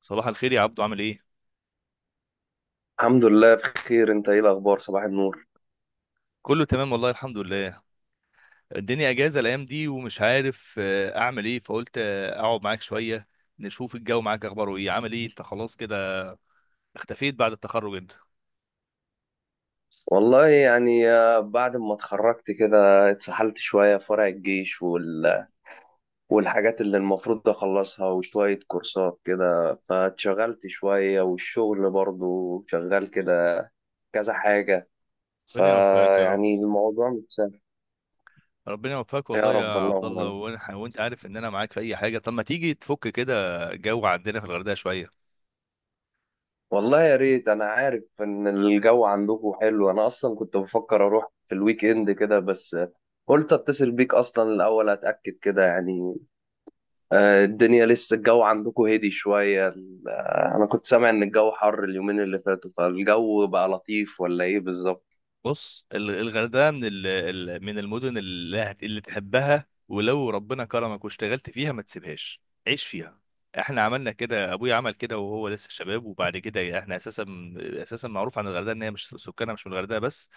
صباح الخير يا عبدو، عامل ايه؟ الحمد لله، بخير. انت ايه الاخبار؟ صباح النور. كله تمام والله، الحمد لله. الدنيا اجازه الايام دي ومش عارف اعمل ايه، فقلت اقعد معاك شويه. نشوف الجو معاك، اخباره ايه؟ عامل ايه انت خلاص كده؟ اختفيت بعد التخرج انت. والله يعني، بعد ما اتخرجت كده اتسحلت شوية في ورق الجيش والحاجات اللي المفروض اخلصها وشوية كورسات كده فاتشغلت شوية، والشغل برضو شغال كده كذا حاجة. ربنا يوفقك يا رب. فيعني الموضوع مش سهل. ربنا يوفقك يا والله يا رب عبد اللهم الله، آمين. وانت عارف ان انا معاك في اي حاجه، طب ما تيجي تفك كده؟ جو عندنا في الغردقه شويه. والله يا ريت. انا عارف ان الجو عندكم حلو، انا اصلا كنت بفكر اروح في الويك اند كده، بس قلت اتصل بيك اصلا الاول اتاكد كده يعني. الدنيا لسه الجو عندكم هدي شوية. أنا كنت سامع إن الجو حر اليومين اللي فاتوا، فالجو بقى لطيف ولا إيه بالظبط؟ بص، الغردقه من من المدن اللي تحبها، ولو ربنا كرمك واشتغلت فيها ما تسيبهاش. عيش فيها. احنا عملنا كده، ابويا عمل كده وهو لسه شباب، وبعد كده احنا اساسا معروف عن الغردقه ان هي مش سكانها، مش من الغردقه بس.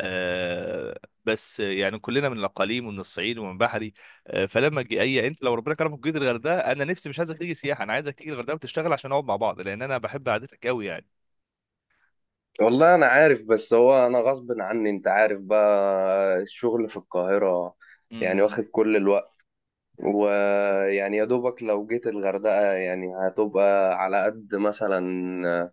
آه. بس يعني كلنا من الاقاليم ومن الصعيد ومن بحري. فلما جي اي انت لو ربنا كرمك وجيت الغردقه، انا نفسي مش عايزك تيجي سياحه، انا عايزك تيجي الغردقه وتشتغل عشان نقعد مع بعض، لان انا بحب قعدتك قوي يعني. والله أنا عارف، بس هو أنا غصب عني، أنت عارف بقى الشغل في القاهرة يعني مم. واخد كل الوقت. ويعني يا دوبك لو جيت الغردقة يعني هتبقى على قد مثلا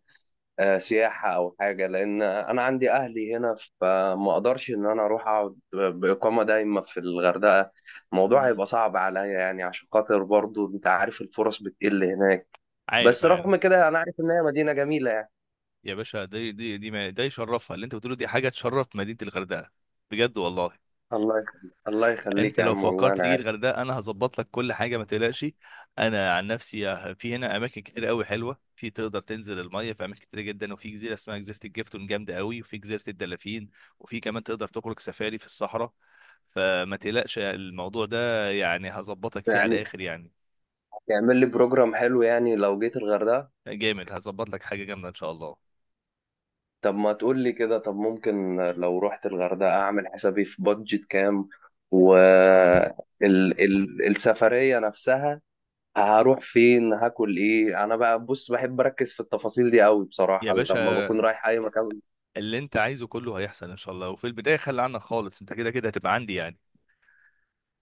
سياحة أو حاجة، لأن أنا عندي أهلي هنا. فما أقدرش إن أنا أروح أقعد بإقامة دايمة في الغردقة. الموضوع مم. هيبقى صعب عليا يعني، عشان خاطر برضو أنت عارف الفرص بتقل هناك. عارف، بس رغم عارف. كده أنا عارف إن هي مدينة جميلة يعني. يا باشا، دي، ما ده يشرفها اللي انت بتقوله، دي حاجه تشرف مدينه الغردقه. بجد والله. الله يخليك، الله انت يخليك يا لو عم، والله فكرت أنا تيجي عارف. الغردقه انا هظبط لك كل حاجه، ما تقلقش. انا عن نفسي في هنا اماكن كتير قوي حلوه، في تقدر تنزل الميه في اماكن كتير جدا، وفي جزيره اسمها جزيره الجفتون جامده قوي، وفي جزيره الدلافين. وفي كمان تقدر تخرج سفاري في الصحراء. فما تقلقش، الموضوع ده يعني هظبطك فيه على يعني الاخر يعني. تعمل لي بروجرام حلو يعني لو جيت الغردقة. جامد، هظبط لك حاجه جامده ان شاء الله. طب ما تقول لي كده. طب ممكن لو رحت الغردقة أعمل حسابي في بادجت كام؟ و آه. ال السفرية نفسها؟ هروح فين؟ هاكل ايه؟ انا بقى بص بحب اركز في التفاصيل دي قوي يا بصراحه لما بكون باشا، رايح اي مكان. اللي انت عايزه كله هيحصل ان شاء الله، وفي البدايه خلي عنك خالص، انت كده كده هتبقى عندي يعني.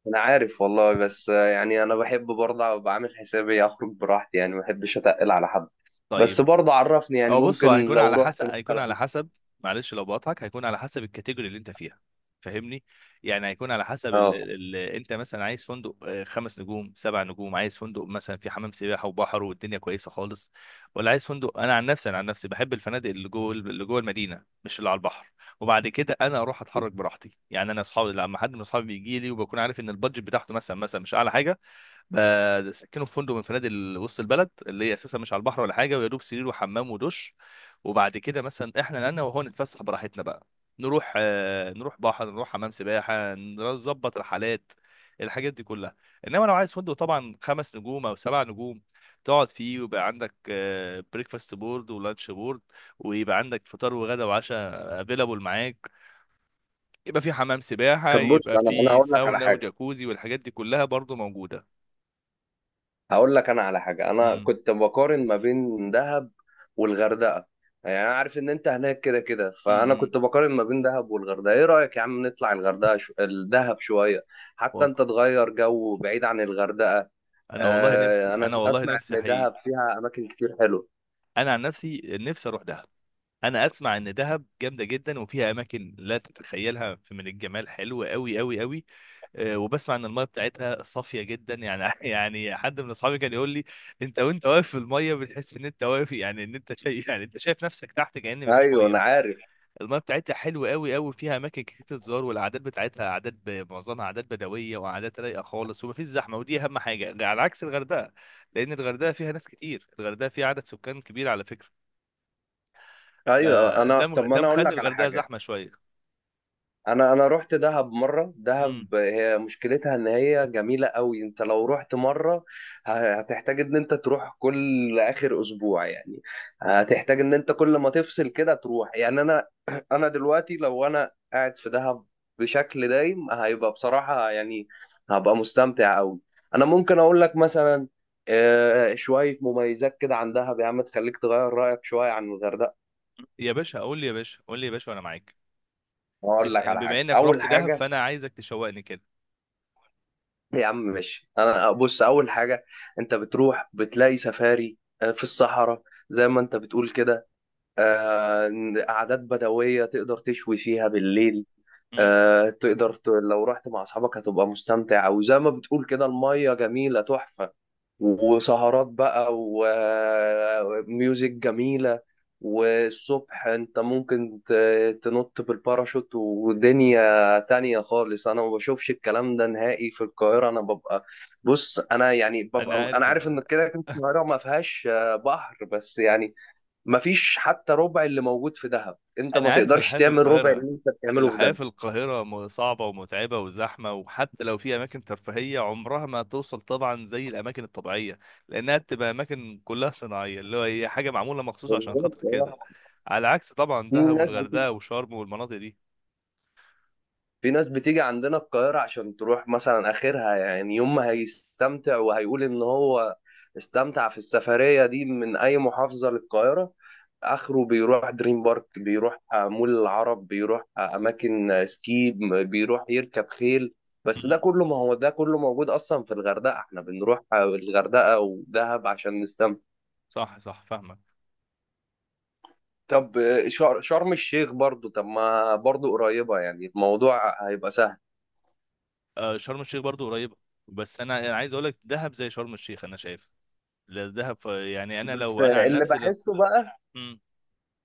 انا عارف والله، بس يعني انا بحب برضه ابقى عامل حسابي اخرج براحتي يعني، ما بحبش اتقل على حد. بس طيب. برضه عرفني، يعني هو، بص، هو ممكن هيكون لو على رحت حسب هيكون على مثلا. حسب معلش لو بقطعك، هيكون على حسب الكاتيجوري اللي انت فيها. فاهمني؟ يعني هيكون على حسب اه. انت مثلا عايز فندق خمس نجوم سبع نجوم، عايز فندق مثلا في حمام سباحه وبحر والدنيا كويسه خالص. ولا عايز فندق، انا عن نفسي بحب الفنادق اللي جوه المدينه، مش اللي على البحر. وبعد كده انا اروح اتحرك براحتي يعني، اصحابي لما حد من اصحابي بيجي لي وبكون عارف ان البادجت بتاعته مثلا مش اعلى حاجه، بسكنه في فندق من فنادق وسط البلد، اللي هي اساسا مش على البحر ولا حاجه، ويا دوب سرير وحمام ودش. وبعد كده مثلا احنا انا وهو نتفسح براحتنا بقى، نروح بحر، نروح حمام سباحه، نظبط رحلات، الحاجات دي كلها. انما لو عايز فندق طبعا خمس نجوم او سبع نجوم، تقعد فيه ويبقى عندك بريكفاست بورد ولانش بورد، ويبقى عندك فطار وغدا وعشاء افيلابل معاك، يبقى في حمام سباحه، طب بص، يبقى انا في هقول لك على ساونا حاجه. وجاكوزي، والحاجات دي كلها برضو موجوده. انا كنت بقارن ما بين دهب والغردقه. يعني انا عارف ان انت هناك كده كده، فانا امم كنت بقارن ما بين دهب والغردقه. ايه رايك يا عم نطلع الدهب شويه؟ حتى والله، انت تغير جو بعيد عن الغردقه. انا والله آه، نفسي انا انا والله اسمع نفسي ان حقيقي. دهب فيها اماكن كتير حلوه. انا عن نفسي نفسي اروح دهب. انا اسمع ان دهب جامده جدا وفيها اماكن لا تتخيلها من الجمال، حلو قوي قوي قوي. أه، وبسمع ان الميه بتاعتها صافيه جدا يعني يعني حد من اصحابي كان يقول لي: انت وانت واقف في الميه بتحس ان انت واقف، يعني ان انت شايف، يعني انت شايف نفسك تحت كأن مفيش ايوه، انا ميه. عارف. المياه بتاعتها حلوه قوي قوي، فيها اماكن كتير تتزار، والعادات بتاعتها عادات معظمها عادات بدويه وعادات رايقه خالص، ومفيش زحمه، ودي اهم حاجه على عكس الغردقه. لان الغردقه فيها ناس كتير، الغردقه فيها عدد سكان كبير على فكره. ايوه. طب ما ده انا اقول مخلي لك على الغردقه حاجه. زحمه شويه. انا رحت دهب مره. امم دهب هي مشكلتها ان هي جميله قوي، انت لو رحت مره هتحتاج ان انت تروح كل اخر اسبوع يعني. هتحتاج ان انت كل ما تفصل كده تروح يعني. انا انا دلوقتي لو انا قاعد في دهب بشكل دايم، هيبقى بصراحه يعني هبقى مستمتع قوي. انا ممكن اقول لك مثلا شويه مميزات كده عن دهب يا عم، تخليك تغير رايك شويه عن الغردقه. يا باشا قول لي، يا باشا قول لي، يا باشا، وانا معاك. اقول لك على بما حاجه. انك اول رحت دهب حاجه. فانا عايزك تشوقني كده. يا عم ماشي. انا بص، اول حاجه: انت بتروح بتلاقي سفاري في الصحراء، زي ما انت بتقول كده. آه، قعدات بدويه تقدر تشوي فيها بالليل. مم. لو رحت مع اصحابك هتبقى مستمتع، وزي ما بتقول كده الميه جميله تحفه. وسهرات بقى وميوزك جميلة. والصبح انت ممكن تنط بالباراشوت، ودنيا تانية خالص. انا ما بشوفش الكلام ده نهائي في القاهرة. انا ببقى، بص انا يعني انا ببقى، انا عارف. عارف ان كده كده القاهرة ما فيهاش بحر، بس يعني ما فيش حتى ربع اللي موجود في دهب. انت ما انا عارف تقدرش الحياه في تعمل ربع القاهره. اللي انت بتعمله في الحياه دهب. في القاهره صعبه ومتعبه وزحمه، وحتى لو في اماكن ترفيهيه عمرها ما توصل طبعا زي الاماكن الطبيعيه، لانها بتبقى اماكن كلها صناعيه، اللي هو هي حاجه معموله مخصوص عشان خاطر بالظبط. كده، آه. على عكس طبعا في دهب ناس والغردقه وشرم والمناطق دي. في ناس بتيجي عندنا القاهرة عشان تروح مثلا آخرها، يعني يوم ما هيستمتع وهيقول إن هو استمتع في السفرية دي من أي محافظة للقاهرة. آخره بيروح دريم بارك، بيروح مول العرب، بيروح أماكن سكي، بيروح يركب خيل. بس ده مم. كله، ما هو ده كله موجود أصلا في الغردقة. إحنا بنروح الغردقة ودهب عشان نستمتع. صح، صح، فاهمك. طب شرم الشيخ برضو، طب ما برضو قريبة يعني الموضوع هيبقى سهل. شرم الشيخ برضو قريبه. بس انا عايز اقول لك دهب زي شرم الشيخ انا شايف. لا، دهب يعني بس لو انا عن اللي نفسي، لو. بحسه بقى مم.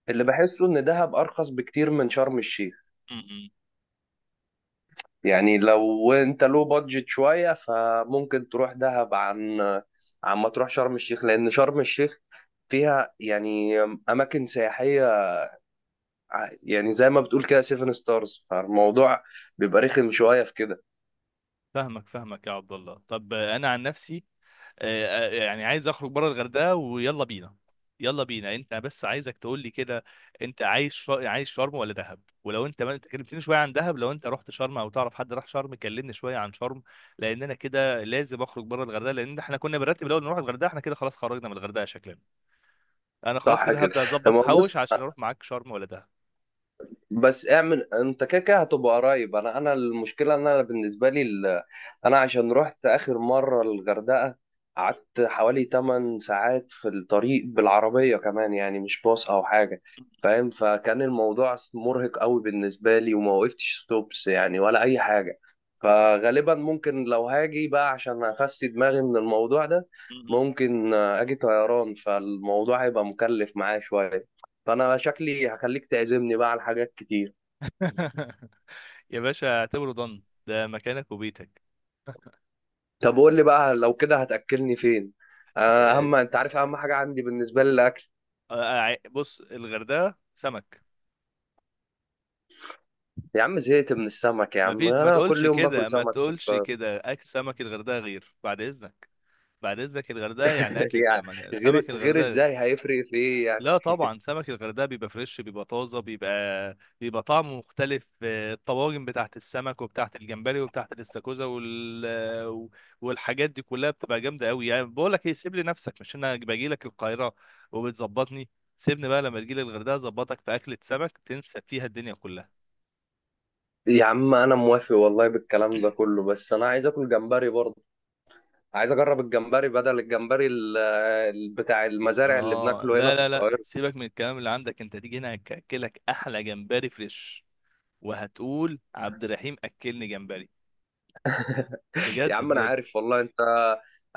اللي بحسه ان دهب ارخص بكتير من شرم الشيخ. مم. مم. يعني لو بادجت شوية، فممكن تروح دهب عن ما تروح شرم الشيخ، لان شرم الشيخ فيها يعني اماكن سياحية، يعني زي ما بتقول كده سيفن ستارز، فالموضوع بيبقى رخم شوية في كده. فاهمك، فاهمك يا عبد الله، طب انا عن نفسي، يعني عايز اخرج بره الغردقه، ويلا بينا. يلا بينا، انت بس عايزك تقول لي كده. انت عايز عايز شرم ولا دهب؟ ولو انت ما انت كلمتني شويه عن دهب، لو انت رحت شرم او تعرف حد راح شرم كلمني شويه عن شرم. لان انا كده لازم اخرج بره الغردقه، لان احنا كنا بنرتب الاول نروح الغردقه، احنا كده خلاص خرجنا من الغردقه شكلنا. انا خلاص صح كده كده. هبدا اظبط لما احوش عشان اروح معاك شرم ولا دهب. بس اعمل انت كده كده هتبقى قريب. انا المشكله ان انا بالنسبه لي انا عشان رحت اخر مره الغردقه قعدت حوالي 8 ساعات في الطريق، بالعربيه كمان يعني، مش باص او حاجه. فاهم؟ فكان الموضوع مرهق قوي بالنسبه لي، وما وقفتش ستوبس يعني ولا اي حاجه. فغالبا ممكن لو هاجي بقى عشان افسي دماغي من الموضوع ده، ممكن اجي طيران، فالموضوع هيبقى مكلف معايا شويه. فانا شكلي هخليك تعزمني بقى على حاجات كتير. يا باشا، اعتبره ضن، ده مكانك وبيتك. طب قول لي بقى، لو كده هتاكلني فين؟ آه، اهم، انت عارف آه، اهم حاجه عندي بالنسبه لي الاكل. بص، الغردقه سمك. يا عم زهقت من السمك. يا ما عم فيش، ما انا تقولش كل يوم باكل كده، ما سمك في تقولش القاهرة. كده، اكل سمك الغردقه غير، بعد اذنك. بعد اذنك، الغردقه يعني اكله يعني سمك، غير سمك غير الغردقه غير. ازاي؟ هيفرق في ايه يعني؟ لا طبعا، سمك الغردقه بيبقى فريش، بيبقى طازه، بيبقى طعمه مختلف، الطواجن بتاعت السمك وبتاعت الجمبري وبتاعت الاستاكوزا والحاجات دي كلها بتبقى جامده قوي يعني. بقول لك ايه، سيب لي نفسك، مش انا باجي لك القاهره وبتظبطني؟ سيبني بقى، لما تجي لي الغردقه اظبطك في اكله سمك تنسى فيها الدنيا كلها. يا عم انا موافق والله بالكلام ده كله، بس انا عايز اكل جمبري برضه. عايز اجرب الجمبري بدل الجمبري بتاع المزارع اللي اه، بناكله هنا لا، في لا، لا، القاهره. سيبك من الكلام اللي عندك، انت تيجي هنا هاكلك احلى جمبري فريش، وهتقول عبد الرحيم اكلني جمبري. يا بجد، عم انا بجد. عارف والله. انت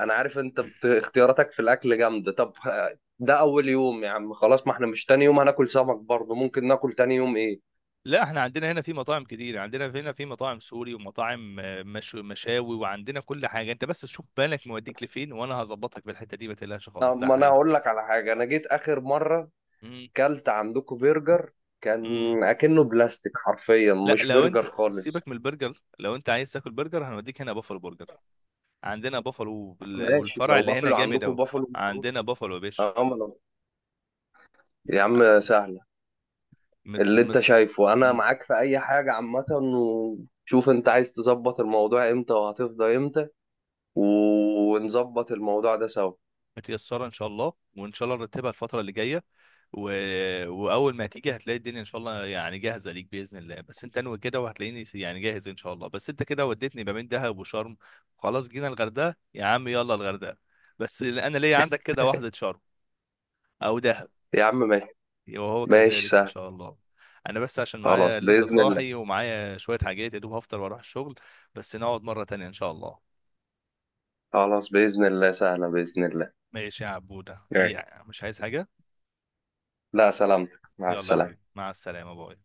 انا عارف انت اختياراتك في الاكل جامده. طب ده اول يوم يا عم، خلاص ما احنا مش تاني يوم هناكل سمك برضه. ممكن ناكل تاني يوم ايه؟ لا، احنا عندنا هنا في مطاعم كتير، عندنا هنا في مطاعم سوري ومطاعم مشاوي، وعندنا كل حاجه. انت بس شوف بالك موديك لفين وانا هظبطك في الحته دي، ما تقلقش خالص، ده ما انا حقيقي. هقول لك على حاجه. انا جيت اخر مره مم، كلت عندكم برجر، كان مم. اكنه بلاستيك حرفيا، لا، مش لو برجر انت سيبك خالص. من البرجر، لو انت عايز تاكل برجر هنوديك هنا بافلو برجر. عندنا بافلو ماشي، والفرع لو اللي هنا بافلو جامد عندكم اوي. بافلو مبروك. عندنا بافلو يا باشا. اه، ما يا عم سهله. مت اللي انت مت شايفه انا م- معاك في اي حاجه عامه، وشوف انت عايز تظبط الموضوع امتى وهتفضى امتى ونظبط الموضوع ده سوا. متيسرة إن شاء الله، وإن شاء الله نرتبها الفترة اللي جاية، و... وأول ما هتيجي هتلاقي الدنيا إن شاء الله، يعني جاهزة ليك بإذن الله، بس أنت أنوي كده وهتلاقيني يعني جاهز إن شاء الله. بس أنت كده وديتني ما بين دهب وشرم. خلاص جينا الغردقة يا عم، يلا الغردقة. بس أنا ليا عندك كده واحدة شرم أو دهب. يا عم ماشي. وهو ماشي كذلك إن سهل. شاء الله. أنا بس عشان خلاص معايا لسه بإذن الله. صاحي ومعايا شوية حاجات، يا دوب هفطر وأروح الشغل. بس نقعد مرة تانية إن شاء الله. خلاص بإذن الله، سهلة بإذن الله. ماشي يا عبودة، ماشي. أي مش عايز حاجة؟ لا سلامتك. مع يلا يا حبيبي، السلامة. مع السلامة، باي.